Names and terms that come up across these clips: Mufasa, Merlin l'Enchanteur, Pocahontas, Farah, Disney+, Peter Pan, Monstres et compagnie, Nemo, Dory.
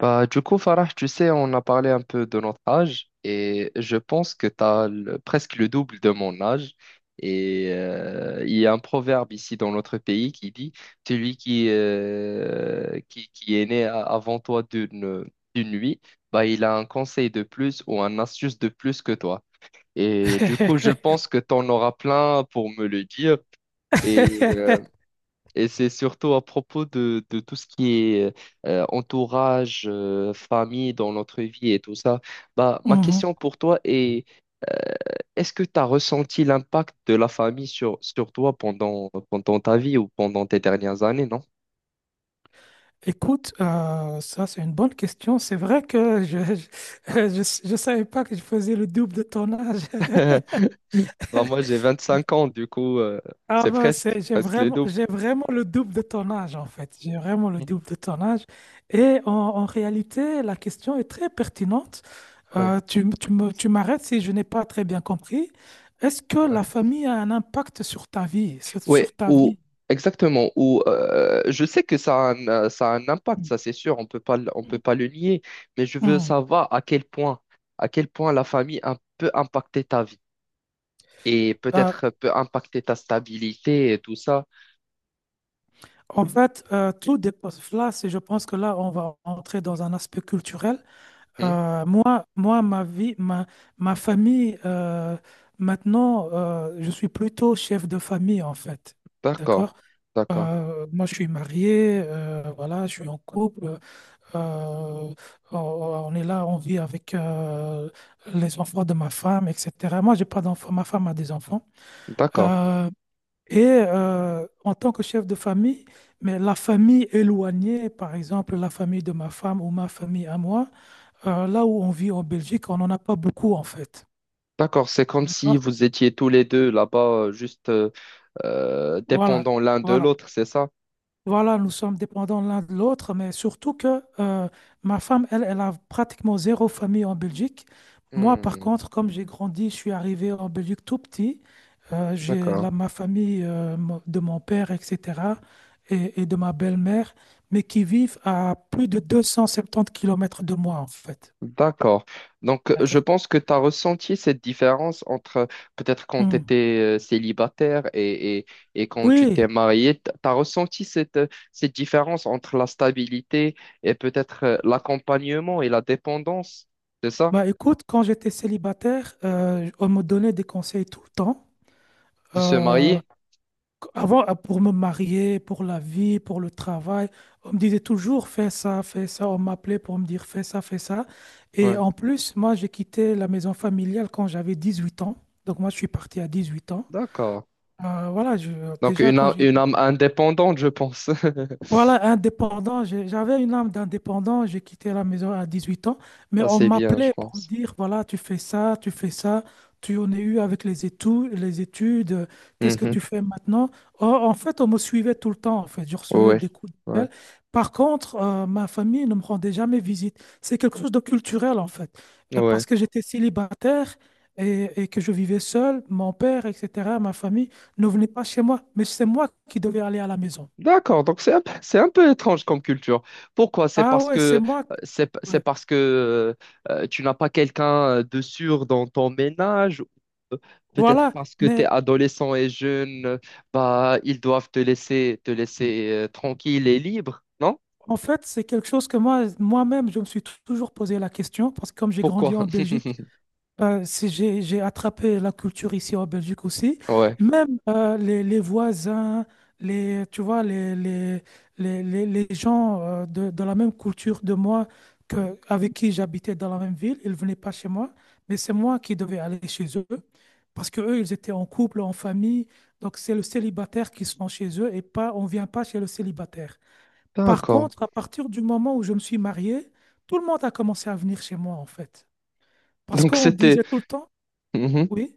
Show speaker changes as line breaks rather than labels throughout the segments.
Bah, du coup, Farah, tu sais, on a parlé un peu de notre âge et je pense que tu as presque le double de mon âge. Il y a un proverbe ici dans notre pays qui dit, celui qui est avant toi d'une nuit, bah, il a un conseil de plus ou un astuce de plus que toi. Et du coup, je pense que tu en auras plein pour me le dire. Et euh, et c'est surtout à propos de tout ce qui est entourage, famille dans notre vie et tout ça. Bah, ma
Mhm.
question pour toi est, euh, est-ce que tu as ressenti l'impact de la famille sur toi pendant ta vie ou pendant tes dernières années, non?
Écoute, ça c'est une bonne question. C'est vrai que je savais pas que je faisais le double de ton âge.
Bah, moi, j'ai 25 ans, du coup,
Ah
c'est
ben, j'ai
presque le
vraiment,
double.
j'ai vraiment le double de ton âge, en fait. J'ai vraiment le
Mhm.
double de ton âge. Et en réalité, la question est très pertinente.
Ouais.
Tu m'arrêtes si je n'ai pas très bien compris. Est-ce que la famille a un impact sur ta vie, sur
Ouais,
ta vie?
ou exactement. Ou je sais que ça ça a un impact,
Mm.
ça c'est sûr. On peut pas le nier. Mais je veux
Mm.
savoir à quel à quel point la famille peut impacter ta vie et
Euh,
peut-être peut impacter ta stabilité et tout ça.
En fait, tout dépasse là. Je pense que là, on va entrer dans un aspect culturel.
Hmm.
Moi, ma vie, ma famille, maintenant, je suis plutôt chef de famille, en fait.
D'accord,
D'accord?
d'accord,
Moi, je suis marié, voilà, je suis en couple. euh, on est là, on vit avec les enfants de ma femme, etc. Moi, j'ai pas d'enfants, ma femme a des enfants.
d'accord,
Euh, et en tant que chef de famille, mais la famille éloignée, par exemple la famille de ma femme ou ma famille à moi, là où on vit en Belgique, on n'en a pas beaucoup en fait.
d'accord. C'est comme si
D'accord?
vous étiez tous les deux là-bas, juste
Voilà,
dépendants l'un de
voilà.
l'autre, c'est ça?
Voilà, nous sommes dépendants l'un de l'autre, mais surtout que ma femme, elle, elle a pratiquement zéro famille en Belgique. Moi, par
Hmm.
contre, comme j'ai grandi, je suis arrivé en Belgique tout petit.
D'accord.
Ma famille de mon père, etc., et de ma belle-mère, mais qui vivent à plus de 270 kilomètres de moi, en fait.
D'accord. Donc, je
D'accord?
pense que tu as ressenti cette différence entre peut-être quand tu
Hmm.
étais célibataire et quand tu
Oui,
t'es marié. Tu as ressenti cette différence entre la stabilité et peut-être l'accompagnement et la dépendance, c'est ça?
bah écoute, quand j'étais célibataire, on me donnait des conseils tout le temps.
De se
Euh,
marier?
Avant, pour me marier, pour la vie, pour le travail, on me disait toujours fais ça, fais ça. On m'appelait pour me dire fais ça, fais ça. Et
Ouais.
en plus, moi, j'ai quitté la maison familiale quand j'avais 18 ans. Donc, moi, je suis parti à 18 ans.
D'accord.
Voilà,
Donc,
déjà, quand j'ai
une âme indépendante, je pense.
voilà, indépendant. J'avais une âme d'indépendant. J'ai quitté la maison à 18 ans, mais
Ça,
on
c'est bien, je
m'appelait pour me
pense.
dire, voilà, tu fais ça, tu fais ça, tu en es eu avec les études, qu'est-ce que
Mhm.
tu fais maintenant? Or, en fait, on me suivait tout le temps, en fait. Je recevais
Ouais.
des coups de
Ouais.
pelle. Par contre, ma famille ne me rendait jamais visite. C'est quelque chose de culturel, en fait. Euh,
Ouais.
parce que j'étais célibataire et que je vivais seul, mon père, etc., ma famille ne venait pas chez moi, mais c'est moi qui devais aller à la maison.
D'accord, donc c'est un peu étrange comme culture. Pourquoi? C'est
Ah
parce
ouais, c'est
que
moi.
c'est
Ouais.
parce que tu n'as pas quelqu'un de sûr dans ton ménage, ou euh, peut-être
Voilà,
parce que tu es
mais
adolescent et jeune, bah ils doivent te laisser tranquille et libre, non?
en fait, c'est quelque chose que moi, moi-même, je me suis toujours posé la question, parce que comme j'ai grandi
Pourquoi?
en Belgique, si j'ai attrapé la culture ici en Belgique aussi.
Ouais.
Même les voisins, les, tu vois, les gens de la même culture de moi que, avec qui j'habitais dans la même ville, ils ne venaient pas chez moi, mais c'est moi qui devais aller chez eux parce que eux, ils étaient en couple, en famille. Donc, c'est le célibataire qui sont chez eux et pas, on ne vient pas chez le célibataire. Par
D'accord.
contre, à partir du moment où je me suis marié, tout le monde a commencé à venir chez moi, en fait. Parce
Donc
qu'on
c'était.
disait tout le temps,
Mhm.
oui,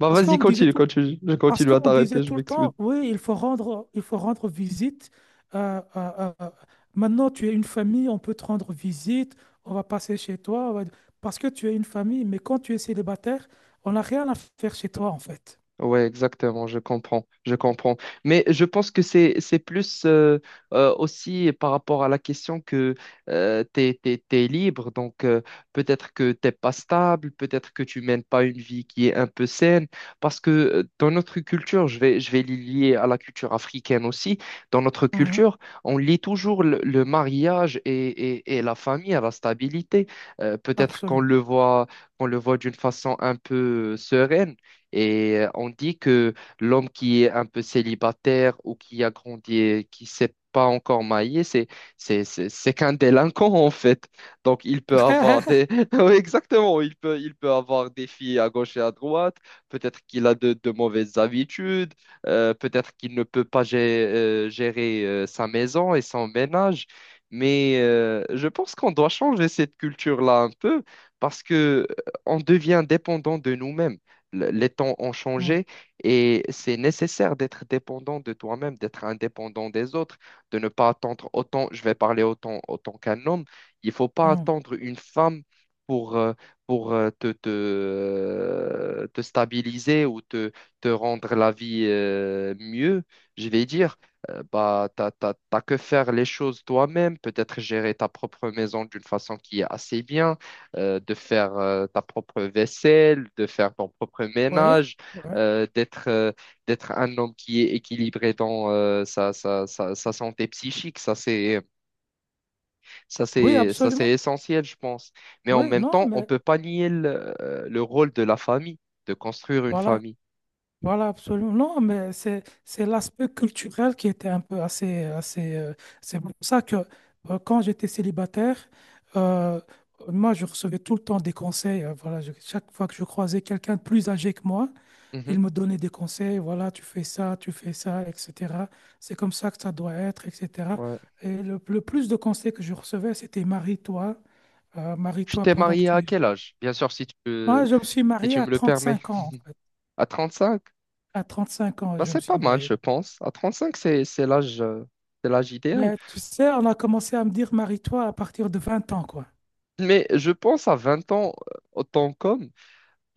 Bah
parce
vas-y,
qu'on me disait
continue,
tout,
continue. Je
parce
continue à
qu'on disait
t'arrêter, je
tout le
m'excuse.
temps, oui, il faut rendre visite. euh, euh, euh, euh, Maintenant, tu es une famille, on peut te rendre visite, on va passer chez toi, parce que tu es une famille. Mais quand tu es célibataire, on n'a rien à faire chez toi, en fait.
Ouais, exactement, je comprends, je comprends. Mais je pense que c'est plus aussi par rapport à la question que t'es libre, donc peut-être que t'es pas stable, peut-être que tu mènes pas une vie qui est un peu saine, parce que dans notre culture, je vais les lier à la culture africaine aussi. Dans notre
Mhm,
culture, on lie toujours le mariage et, et la famille à la stabilité. Peut-être
absolument.
qu'on le voit d'une façon un peu sereine. Et on dit que l'homme qui est un peu célibataire ou qui a grandi et qui s'est pas encore marié, c'est qu'un délinquant en fait. Donc il peut avoir des Oui, exactement, il peut avoir des filles à gauche et à droite, peut-être qu'il a de mauvaises habitudes, peut-être qu'il ne peut pas gérer sa maison et son ménage. Mais je pense qu'on doit changer cette culture-là un peu parce que on devient dépendant de nous-mêmes, les temps ont
Mm,
changé et c'est nécessaire d'être dépendant de toi-même, d'être indépendant des autres, de ne pas attendre autant, je vais parler autant, autant qu'un homme, il faut pas
mm,
attendre une femme pour, euh, pour te stabiliser ou te rendre la vie mieux, je vais dire. Bah, t'as que faire les choses toi-même, peut-être gérer ta propre maison d'une façon qui est assez bien, de faire ta propre vaisselle, de faire ton propre
ouais,
ménage,
ouais.
d'être d'être un homme qui est équilibré dans sa santé psychique. Ça, c'est ça,
Oui,
c'est ça,
absolument.
c'est essentiel, je pense. Mais en
Oui,
même
non,
temps, on
mais
peut pas nier le rôle de la famille, de construire une
voilà.
famille.
Voilà, absolument. Non, mais c'est l'aspect culturel qui était un peu assez assez, c'est pour ça que quand j'étais célibataire, euh, moi je recevais tout le temps des conseils. Voilà, chaque fois que je croisais quelqu'un de plus âgé que moi, il
Mhm,
me donnait des conseils. Voilà, tu fais ça, etc. C'est comme ça que ça doit être, etc.
ouais.
Et le plus de conseils que je recevais, c'était
Tu
marie-toi
t'es
pendant que
marié à
tu es
quel
jeune.
âge? Bien sûr,
Moi, je me suis
si
marié
tu
à
me le
trente
permets.
cinq ans, en fait.
À 35.
À 35 ans,
Bah,
je me
c'est
suis
pas mal, je
marié.
pense. À 35 c'est l'âge c'est l'âge idéal.
Ben, tu sais, on a commencé à me dire marie-toi à partir de 20 ans, quoi.
Mais je pense à 20 ans, en tant qu'homme,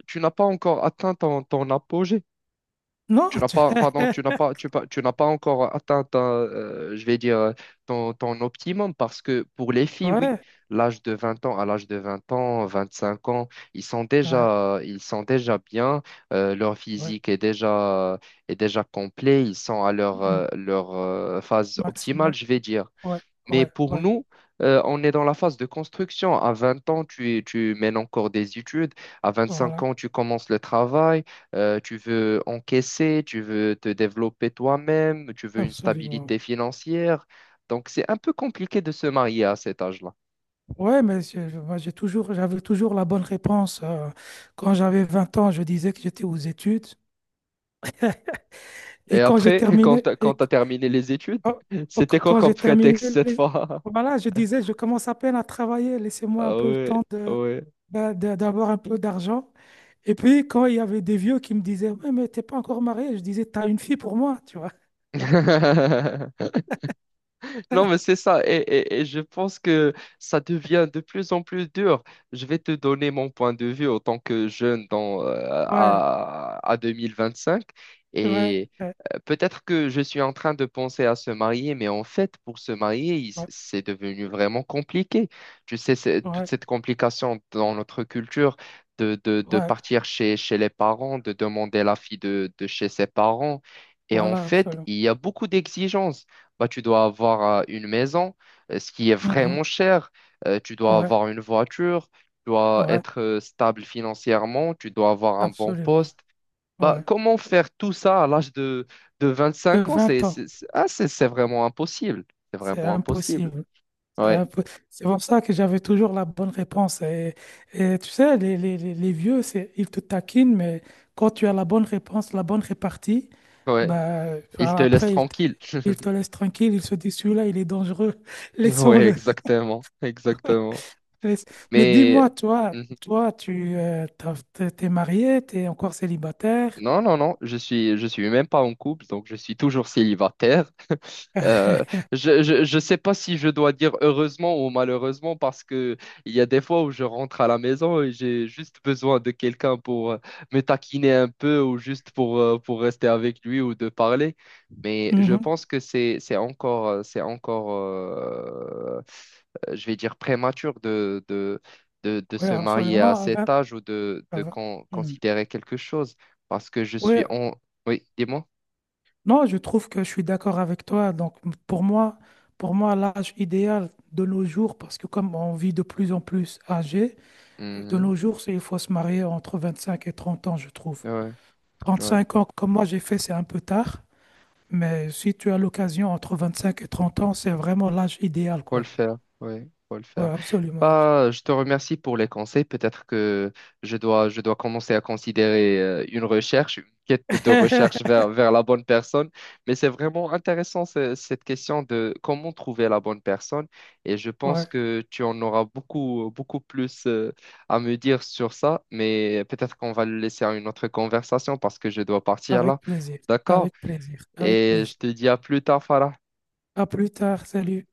tu n'as pas encore atteint ton apogée.
Non,
Tu n'as pas, pardon, tu n'as pas, tu, pas- Tu n'as pas encore atteint, ta, je vais dire, ton, ton optimum parce que pour les filles, oui,
ouais,
l'âge de 20 ans, à l'âge de 20 ans, 25 ans,
ouais,
ils sont déjà bien, leur
ouais.
physique est est déjà complet, ils sont à leur,
Mhm.
euh, leur euh, phase optimale,
Maximum,
je vais dire.
ouais,
Mais
ouais,
pour
ouais,
nous, on est dans la phase de construction. À 20 ans, tu mènes encore des études. À 25
voilà,
ans, tu commences le travail. Tu veux encaisser, tu veux te développer toi-même, tu veux une
absolument.
stabilité financière. Donc, c'est un peu compliqué de se marier à cet âge-là.
Ouais, mais moi, j'avais toujours la bonne réponse. Quand j'avais 20 ans, je disais que j'étais aux études. Et
Et
quand j'ai
après, quand
terminé,
tu as terminé les études,
oh, oh, qu-
c'était quoi
quand
comme
j'ai terminé,
prétexte cette
les-
fois?
voilà, je disais, je commence à peine à travailler, laissez-moi un
Ah
peu le
ouais,
temps de,
ouais.
ben, d'avoir un peu d'argent. Et puis, quand il y avait des vieux qui me disaient, ouais, mais t'es pas encore marié, je disais, t'as une fille pour moi, tu vois.
Non, mais c'est ça. Et je pense que ça devient de plus en plus dur. Je vais te donner mon point de vue en tant que jeune
Ouais,
à 2025.
ouais,
Et
ouais,
peut-être que je suis en train de penser à se marier, mais en fait, pour se marier,
ouais,
c'est devenu vraiment compliqué. Tu sais, c'est toute
ouais,
cette complication dans notre culture de
ouais,
partir chez les parents, de demander la fille de chez ses parents. Et en
voilà,
fait,
absolument.
il y a beaucoup d'exigences, bah, tu dois avoir une maison, ce qui est
Mhm,
vraiment cher. Tu dois
ouais,
avoir une voiture, tu dois
ouais,
être stable financièrement, tu dois avoir un bon
absolument.
poste. Bah,
Ouais.
comment faire tout ça de
De
25 ans? C'est,
20 ans,
c'est, c'est- ah, c'est c'est vraiment impossible. C'est
c'est
vraiment impossible.
impossible.
Ouais,
C'est pour ça que j'avais toujours la bonne réponse. Et tu sais, les vieux, ils te taquinent, mais quand tu as la bonne réponse, la bonne répartie,
ouais.
bah,
Il
enfin,
te laisse
après, ils te,
tranquille.
ils te laissent tranquille. Ils se disent, celui-là, il est dangereux.
Ouais,
Laissons-le.
exactement, exactement.
Mais mais
Mais
dis-moi, toi,
mhm.
toi, t'es marié, tu es encore célibataire.
Non, je je suis même pas en couple, donc je suis toujours célibataire. Euh, je sais pas si je dois dire heureusement ou malheureusement parce que il y a des fois où je rentre à la maison et j'ai juste besoin de quelqu'un pour me taquiner un peu ou juste pour rester avec lui ou de parler. Mais je pense que c'est encore, je vais dire prématuré de
Oui,
se marier à
absolument.
cet âge ou
À
de
vingt- Mhm.
considérer quelque chose parce que je suis
Ouais.
en... Oui, dis-moi.
Non, je trouve que je suis d'accord avec toi. Donc, pour moi, l'âge idéal de nos jours, parce que comme on vit de plus en plus âgé, de
Mhm.
nos jours, il faut se marier entre 25 et 30 ans, je trouve.
Ouais, ouais.
35 ans, comme moi j'ai fait, c'est un peu tard. Mais si tu as l'occasion entre 25 et 30 ans, c'est vraiment l'âge idéal,
Faut le
quoi.
faire, oui, faut le
Oui,
faire.
absolument, absolument.
Bah, je te remercie pour les conseils. Peut-être que je dois commencer à considérer une recherche, une quête de recherche vers la bonne personne. Mais c'est vraiment intéressant cette question de comment trouver la bonne personne. Et je pense
Ouais,
que tu en auras beaucoup, beaucoup plus à me dire sur ça. Mais peut-être qu'on va le laisser à une autre conversation parce que je dois partir
avec
là.
plaisir,
D'accord?
avec plaisir, avec
Et
plaisir.
je te dis à plus tard, Farah.
À plus tard, salut.